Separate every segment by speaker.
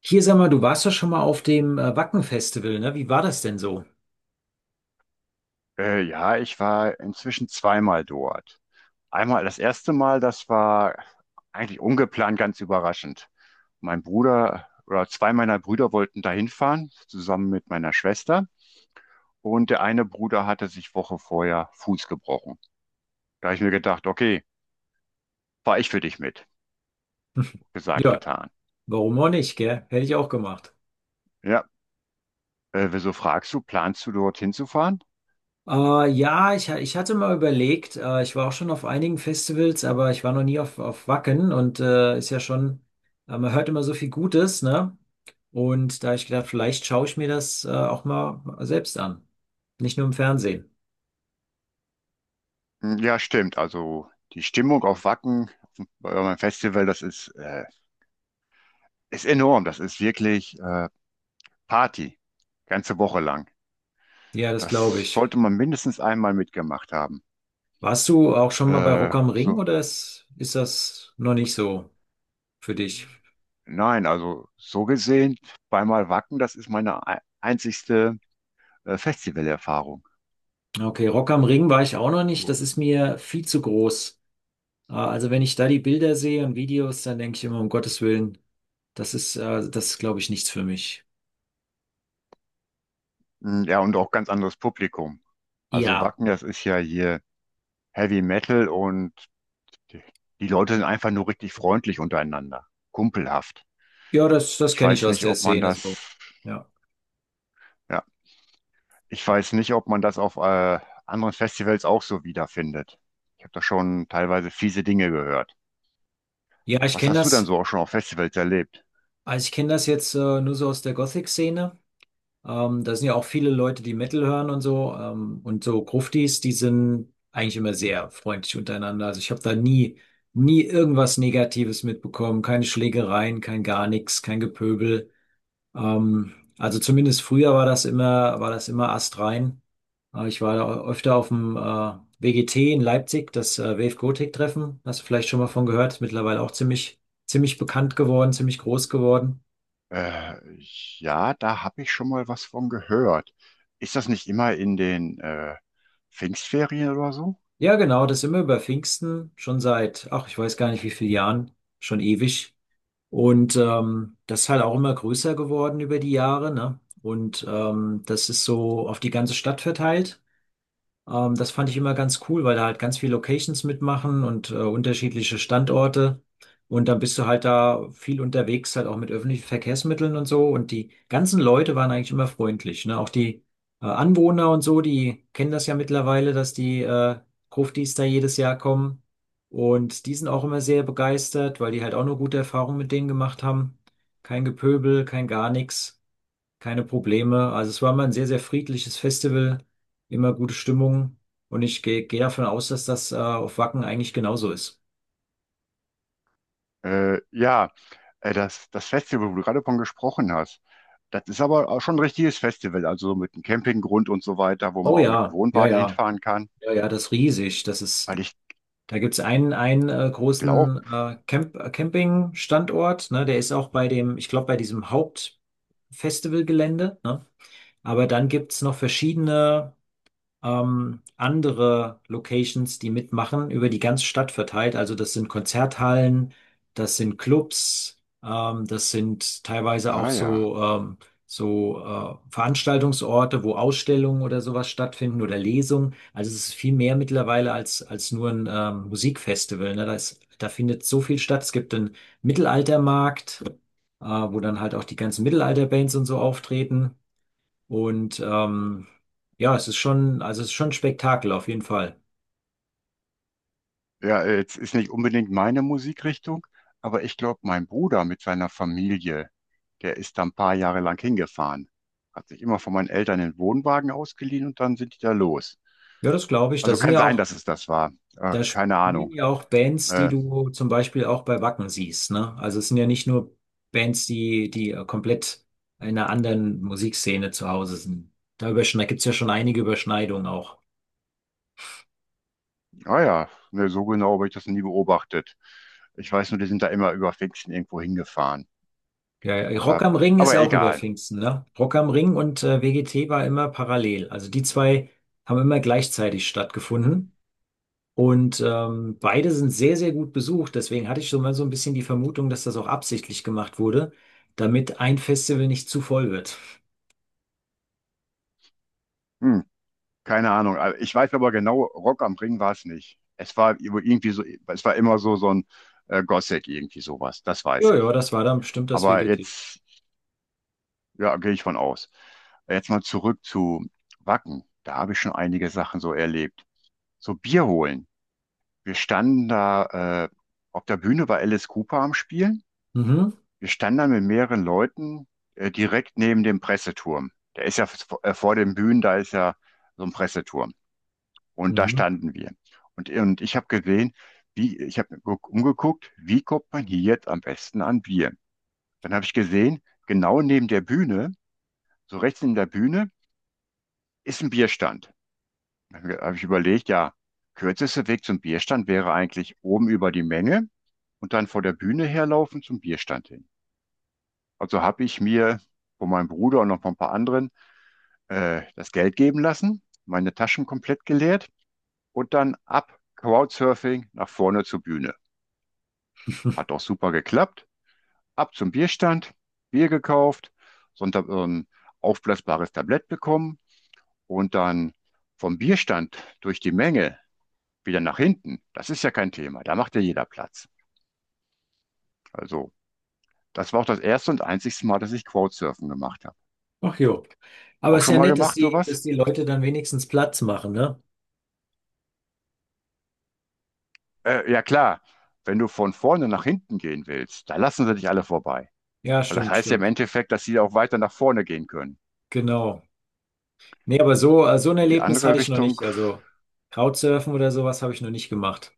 Speaker 1: Hier sag mal, du warst doch schon mal auf dem Wacken-Festival, ne? Wie war das denn so?
Speaker 2: Ja, ich war inzwischen zweimal dort. Einmal das erste Mal, das war eigentlich ungeplant, ganz überraschend. Mein Bruder oder zwei meiner Brüder wollten dahin fahren, zusammen mit meiner Schwester. Und der eine Bruder hatte sich Woche vorher Fuß gebrochen. Da habe ich mir gedacht, okay, fahr ich für dich mit. Gesagt,
Speaker 1: Ja,
Speaker 2: getan.
Speaker 1: warum auch nicht, gell? Hätte ich auch gemacht.
Speaker 2: Ja, wieso fragst du, planst du dorthin zu fahren?
Speaker 1: Ich hatte mal überlegt, ich war auch schon auf einigen Festivals, aber ich war noch nie auf, auf Wacken und ist ja schon, man hört immer so viel Gutes, ne? Und da hab ich gedacht, vielleicht schaue ich mir das auch mal selbst an. Nicht nur im Fernsehen.
Speaker 2: Hm, ja, stimmt. Also die Stimmung auf Wacken, bei eurem Festival, das ist, ist enorm. Das ist wirklich Party, ganze Woche lang.
Speaker 1: Ja, das glaube
Speaker 2: Das
Speaker 1: ich.
Speaker 2: sollte man mindestens einmal mitgemacht haben.
Speaker 1: Warst du auch schon mal bei Rock
Speaker 2: Äh,
Speaker 1: am Ring
Speaker 2: so,
Speaker 1: oder ist das noch nicht so für dich?
Speaker 2: nein, also so gesehen, zweimal Wacken, das ist meine einzigste Festivalerfahrung.
Speaker 1: Okay, Rock am Ring war ich auch noch nicht. Das ist mir viel zu groß. Also wenn ich da die Bilder sehe und Videos, dann denke ich immer, um Gottes Willen, das ist, glaube ich, nichts für mich.
Speaker 2: Mm, ja, und auch ganz anderes Publikum. Also
Speaker 1: Ja,
Speaker 2: Wacken, das ist ja hier Heavy Metal und die die Leute sind einfach nur richtig freundlich untereinander, kumpelhaft.
Speaker 1: ja, das, das
Speaker 2: Ich
Speaker 1: kenne ich
Speaker 2: weiß
Speaker 1: aus
Speaker 2: nicht,
Speaker 1: der
Speaker 2: ob man
Speaker 1: Szene so.
Speaker 2: das,
Speaker 1: Ja,
Speaker 2: ja, ich weiß nicht, ob man das auf anderen Festivals auch so wiederfindet. Ich habe da schon teilweise fiese Dinge gehört.
Speaker 1: ja, ich
Speaker 2: Was
Speaker 1: kenne
Speaker 2: hast du denn
Speaker 1: das,
Speaker 2: so auch schon auf Festivals erlebt?
Speaker 1: also ich kenne das jetzt nur so aus der Gothic-Szene. Da sind ja auch viele Leute, die Metal hören und so. Und so Gruftis, die sind eigentlich immer sehr freundlich untereinander. Also ich habe da nie, nie irgendwas Negatives mitbekommen. Keine Schlägereien, kein gar nichts, kein Gepöbel. Also zumindest früher war das immer astrein. Ich war da öfter auf dem WGT in Leipzig, das Wave Gothic Treffen. Hast du vielleicht schon mal von gehört? Ist mittlerweile auch ziemlich, ziemlich bekannt geworden, ziemlich groß geworden.
Speaker 2: Äh, ja, da habe ich schon mal was von gehört. Ist das nicht immer in den Pfingstferien oder so?
Speaker 1: Ja, genau, das sind wir über Pfingsten schon seit, ach, ich weiß gar nicht wie vielen Jahren, schon ewig. Und das ist halt auch immer größer geworden über die Jahre, ne? Und das ist so auf die ganze Stadt verteilt. Das fand ich immer ganz cool, weil da halt ganz viele Locations mitmachen und unterschiedliche Standorte. Und dann bist du halt da viel unterwegs, halt auch mit öffentlichen Verkehrsmitteln und so. Und die ganzen Leute waren eigentlich immer freundlich, ne? Auch die Anwohner und so, die kennen das ja mittlerweile, dass die Gruftis da jedes Jahr kommen. Und die sind auch immer sehr begeistert, weil die halt auch eine gute Erfahrung mit denen gemacht haben. Kein Gepöbel, kein gar nichts, keine Probleme. Also es war immer ein sehr, sehr friedliches Festival, immer gute Stimmung. Und ich gehe davon aus, dass das auf Wacken eigentlich genauso ist.
Speaker 2: Äh, ja, das Festival, wo du gerade von gesprochen hast. Das ist aber auch schon ein richtiges Festival, also so mit einem Campinggrund und so weiter, wo man
Speaker 1: Oh
Speaker 2: auch mit dem
Speaker 1: ja, ja,
Speaker 2: Wohnwagen
Speaker 1: ja,
Speaker 2: hinfahren kann.
Speaker 1: ja, ja, das ist riesig. Das ist,
Speaker 2: Weil ich
Speaker 1: da gibt's einen, einen
Speaker 2: glaube,
Speaker 1: großen Camp, Camping-Standort, ne? Der ist auch bei dem, ich glaube, bei diesem Hauptfestivalgelände, ne? Aber dann gibt's noch verschiedene andere Locations, die mitmachen, über die ganze Stadt verteilt. Also das sind Konzerthallen, das sind Clubs, das sind teilweise auch
Speaker 2: ah ja,
Speaker 1: so, Veranstaltungsorte, wo Ausstellungen oder sowas stattfinden oder Lesungen. Also es ist viel mehr mittlerweile als, als nur ein Musikfestival. Ne? Da ist, da findet so viel statt. Es gibt einen Mittelaltermarkt, wo dann halt auch die ganzen Mittelalterbands und so auftreten. Und ja, es ist schon, also es ist schon ein Spektakel auf jeden Fall.
Speaker 2: ja, jetzt ist nicht unbedingt meine Musikrichtung, aber ich glaube, mein Bruder mit seiner Familie, der ist da ein paar Jahre lang hingefahren. Hat sich immer von meinen Eltern den Wohnwagen ausgeliehen und dann sind die da los.
Speaker 1: Ja, das glaube ich. Da
Speaker 2: Also
Speaker 1: sind
Speaker 2: kann
Speaker 1: ja
Speaker 2: sein,
Speaker 1: auch,
Speaker 2: dass es das war.
Speaker 1: da
Speaker 2: Keine
Speaker 1: spielen
Speaker 2: Ahnung.
Speaker 1: ja auch Bands, die
Speaker 2: Äh,
Speaker 1: du zum Beispiel auch bei Wacken siehst, ne? Also es sind ja nicht nur Bands, die, die komplett in einer anderen Musikszene zu Hause sind. Da überschne gibt ja schon einige Überschneidungen auch.
Speaker 2: ja, ne, so genau habe ich das nie beobachtet. Ich weiß nur, die sind da immer über Pfingsten irgendwo hingefahren.
Speaker 1: Ja, ja, Rock
Speaker 2: Aber,
Speaker 1: am Ring ist
Speaker 2: aber
Speaker 1: auch über
Speaker 2: egal.
Speaker 1: Pfingsten, ne? Rock am Ring und WGT war immer parallel. Also die zwei haben immer gleichzeitig stattgefunden. Und beide sind sehr, sehr gut besucht. Deswegen hatte ich schon mal so ein bisschen die Vermutung, dass das auch absichtlich gemacht wurde, damit ein Festival nicht zu voll wird.
Speaker 2: Hm, keine Ahnung. Also ich weiß aber genau, Rock am Ring war es nicht. Es war irgendwie so, es war immer so, so ein Gothic, irgendwie sowas. Das weiß
Speaker 1: Ja, ja,
Speaker 2: ich.
Speaker 1: das war dann bestimmt das
Speaker 2: Aber
Speaker 1: VGT.
Speaker 2: jetzt, ja, gehe ich von aus. Jetzt mal zurück zu Wacken. Da habe ich schon einige Sachen so erlebt. So Bier holen. Wir standen da, auf der Bühne war Alice Cooper am Spielen.
Speaker 1: Mhm,
Speaker 2: Wir standen da mit mehreren Leuten, direkt neben dem Presseturm. Der ist ja vor den Bühnen, da ist ja so ein Presseturm. Und da
Speaker 1: mhm.
Speaker 2: standen wir. Und ich habe gesehen, wie, ich habe umgeguckt, wie kommt man hier jetzt am besten an Bier? Dann habe ich gesehen, genau neben der Bühne, so rechts neben der Bühne, ist ein Bierstand. Dann habe ich überlegt, ja, kürzester Weg zum Bierstand wäre eigentlich oben über die Menge und dann vor der Bühne herlaufen zum Bierstand hin. Also habe ich mir von meinem Bruder und noch von ein paar anderen das Geld geben lassen, meine Taschen komplett geleert und dann ab Crowdsurfing nach vorne zur Bühne. Hat auch super geklappt. Ab zum Bierstand, Bier gekauft, Sonntag aufblasbares Tablett bekommen und dann vom Bierstand durch die Menge wieder nach hinten. Das ist ja kein Thema. Da macht ja jeder Platz. Also, das war auch das erste und einzigste Mal, dass ich Crowdsurfen gemacht habe.
Speaker 1: Ach jo. Aber
Speaker 2: Auch
Speaker 1: es ist
Speaker 2: schon
Speaker 1: ja
Speaker 2: mal
Speaker 1: nett,
Speaker 2: gemacht,
Speaker 1: dass
Speaker 2: sowas?
Speaker 1: die Leute dann wenigstens Platz machen, ne?
Speaker 2: Ja, klar. Wenn du von vorne nach hinten gehen willst, da lassen sie dich alle vorbei.
Speaker 1: Ja,
Speaker 2: Weil das
Speaker 1: stimmt,
Speaker 2: heißt ja im
Speaker 1: stimmt.
Speaker 2: Endeffekt, dass sie auch weiter nach vorne gehen können.
Speaker 1: Genau. Nee, aber so, so ein
Speaker 2: Die
Speaker 1: Erlebnis
Speaker 2: andere
Speaker 1: hatte ich noch
Speaker 2: Richtung,
Speaker 1: nicht. Also Crowdsurfen oder sowas habe ich noch nicht gemacht.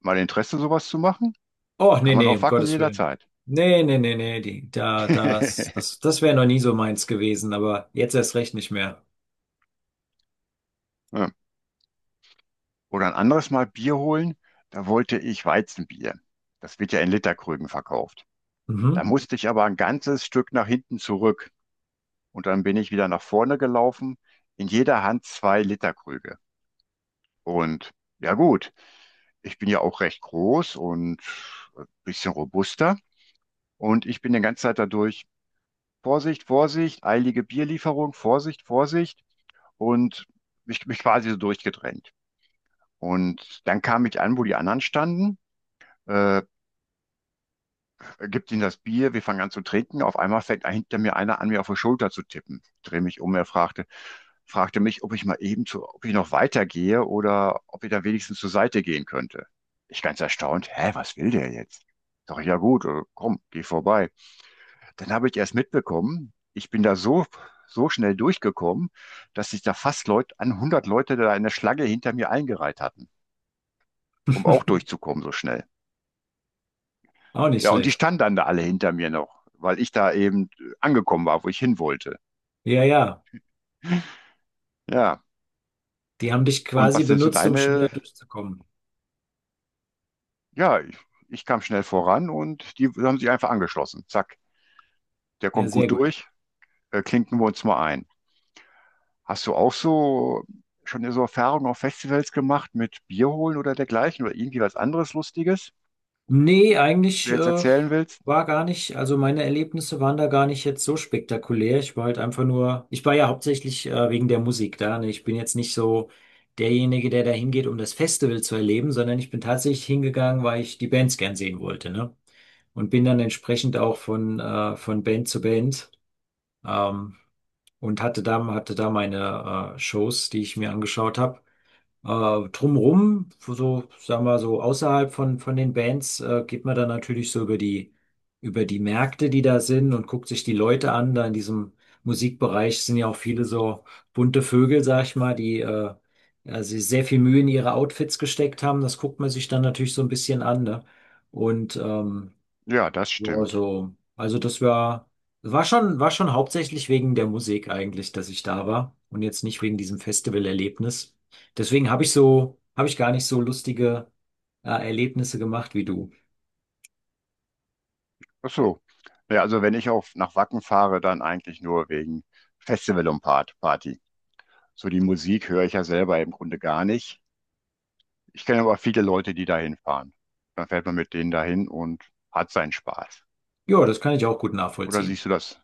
Speaker 2: mal Interesse, sowas zu machen,
Speaker 1: Oh, nee,
Speaker 2: kann man
Speaker 1: nee,
Speaker 2: auch
Speaker 1: um
Speaker 2: wacken
Speaker 1: Gottes Willen.
Speaker 2: jederzeit.
Speaker 1: Nee, nee, nee, nee, die, da, das, das, das wäre noch nie so meins gewesen, aber jetzt erst recht nicht mehr.
Speaker 2: Ja. Oder ein anderes Mal Bier holen, da wollte ich Weizenbier. Das wird ja in Literkrügen verkauft. Da
Speaker 1: Mhm.
Speaker 2: musste ich aber ein ganzes Stück nach hinten zurück. Und dann bin ich wieder nach vorne gelaufen, in jeder Hand zwei Literkrüge. Und ja gut, ich bin ja auch recht groß und ein bisschen robuster. Und ich bin die ganze Zeit dadurch, Vorsicht, Vorsicht, eilige Bierlieferung, Vorsicht, Vorsicht. Und mich quasi so durchgedrängt. Und dann kam ich an, wo die anderen standen, äh, gibt ihnen das Bier, wir fangen an zu trinken. Auf einmal fängt hinter mir einer an, mir auf die Schulter zu tippen. Ich drehe mich um, er fragte, fragte mich, ob ich mal eben zu, ob ich noch weitergehe oder ob ich da wenigstens zur Seite gehen könnte. Ich ganz erstaunt, hä, was will der jetzt? Sag ich, ja gut, komm, geh vorbei. Dann habe ich erst mitbekommen, ich bin da so, so schnell durchgekommen, dass sich da fast Leute, an 100 Leute da in der Schlange hinter mir eingereiht hatten, um auch durchzukommen so schnell.
Speaker 1: Auch nicht
Speaker 2: Ja, und die
Speaker 1: schlecht.
Speaker 2: standen dann da alle hinter mir noch, weil ich da eben angekommen war, wo ich hin wollte.
Speaker 1: Ja, ja.
Speaker 2: Ja,
Speaker 1: Die haben dich
Speaker 2: und
Speaker 1: quasi
Speaker 2: was sind so
Speaker 1: benutzt, um schneller
Speaker 2: deine?
Speaker 1: durchzukommen.
Speaker 2: Ja, ich kam schnell voran und die haben sich einfach angeschlossen. Zack, der
Speaker 1: Ja,
Speaker 2: kommt
Speaker 1: sehr
Speaker 2: gut
Speaker 1: gut.
Speaker 2: durch, klinken wir uns mal ein. Hast du auch so schon so Erfahrungen auf Festivals gemacht mit Bier holen oder dergleichen oder irgendwie was anderes Lustiges,
Speaker 1: Nee,
Speaker 2: was du
Speaker 1: eigentlich
Speaker 2: jetzt
Speaker 1: äh,
Speaker 2: erzählen willst?
Speaker 1: war gar nicht, also meine Erlebnisse waren da gar nicht jetzt so spektakulär. Ich war halt einfach nur, ich war ja hauptsächlich wegen der Musik da. Ne? Ich bin jetzt nicht so derjenige, der da hingeht, um das Festival zu erleben, sondern ich bin tatsächlich hingegangen, weil ich die Bands gern sehen wollte. Ne? Und bin dann entsprechend auch von Band zu Band ähm, und hatte da meine Shows, die ich mir angeschaut habe. Drumrum, so, sagen wir so, außerhalb von den Bands, geht man dann natürlich so über die Märkte, die da sind und guckt sich die Leute an. Da in diesem Musikbereich sind ja auch viele so bunte Vögel, sag ich mal, die also sehr viel Mühe in ihre Outfits gesteckt haben. Das guckt man sich dann natürlich so ein bisschen an, ne? Und
Speaker 2: Ja, das
Speaker 1: ja,
Speaker 2: stimmt.
Speaker 1: also das war, war schon hauptsächlich wegen der Musik eigentlich, dass ich da war und jetzt nicht wegen diesem Festivalerlebnis. Deswegen habe ich so, habe ich gar nicht so lustige Erlebnisse gemacht wie du.
Speaker 2: Ach so. Ja, also wenn ich auf nach Wacken fahre, dann eigentlich nur wegen Festival und Party. So die Musik höre ich ja selber im Grunde gar nicht. Ich kenne aber viele Leute, die dahin fahren. Dann fährt man mit denen dahin und hat seinen Spaß.
Speaker 1: Ja, das kann ich auch gut
Speaker 2: Oder
Speaker 1: nachvollziehen.
Speaker 2: siehst du das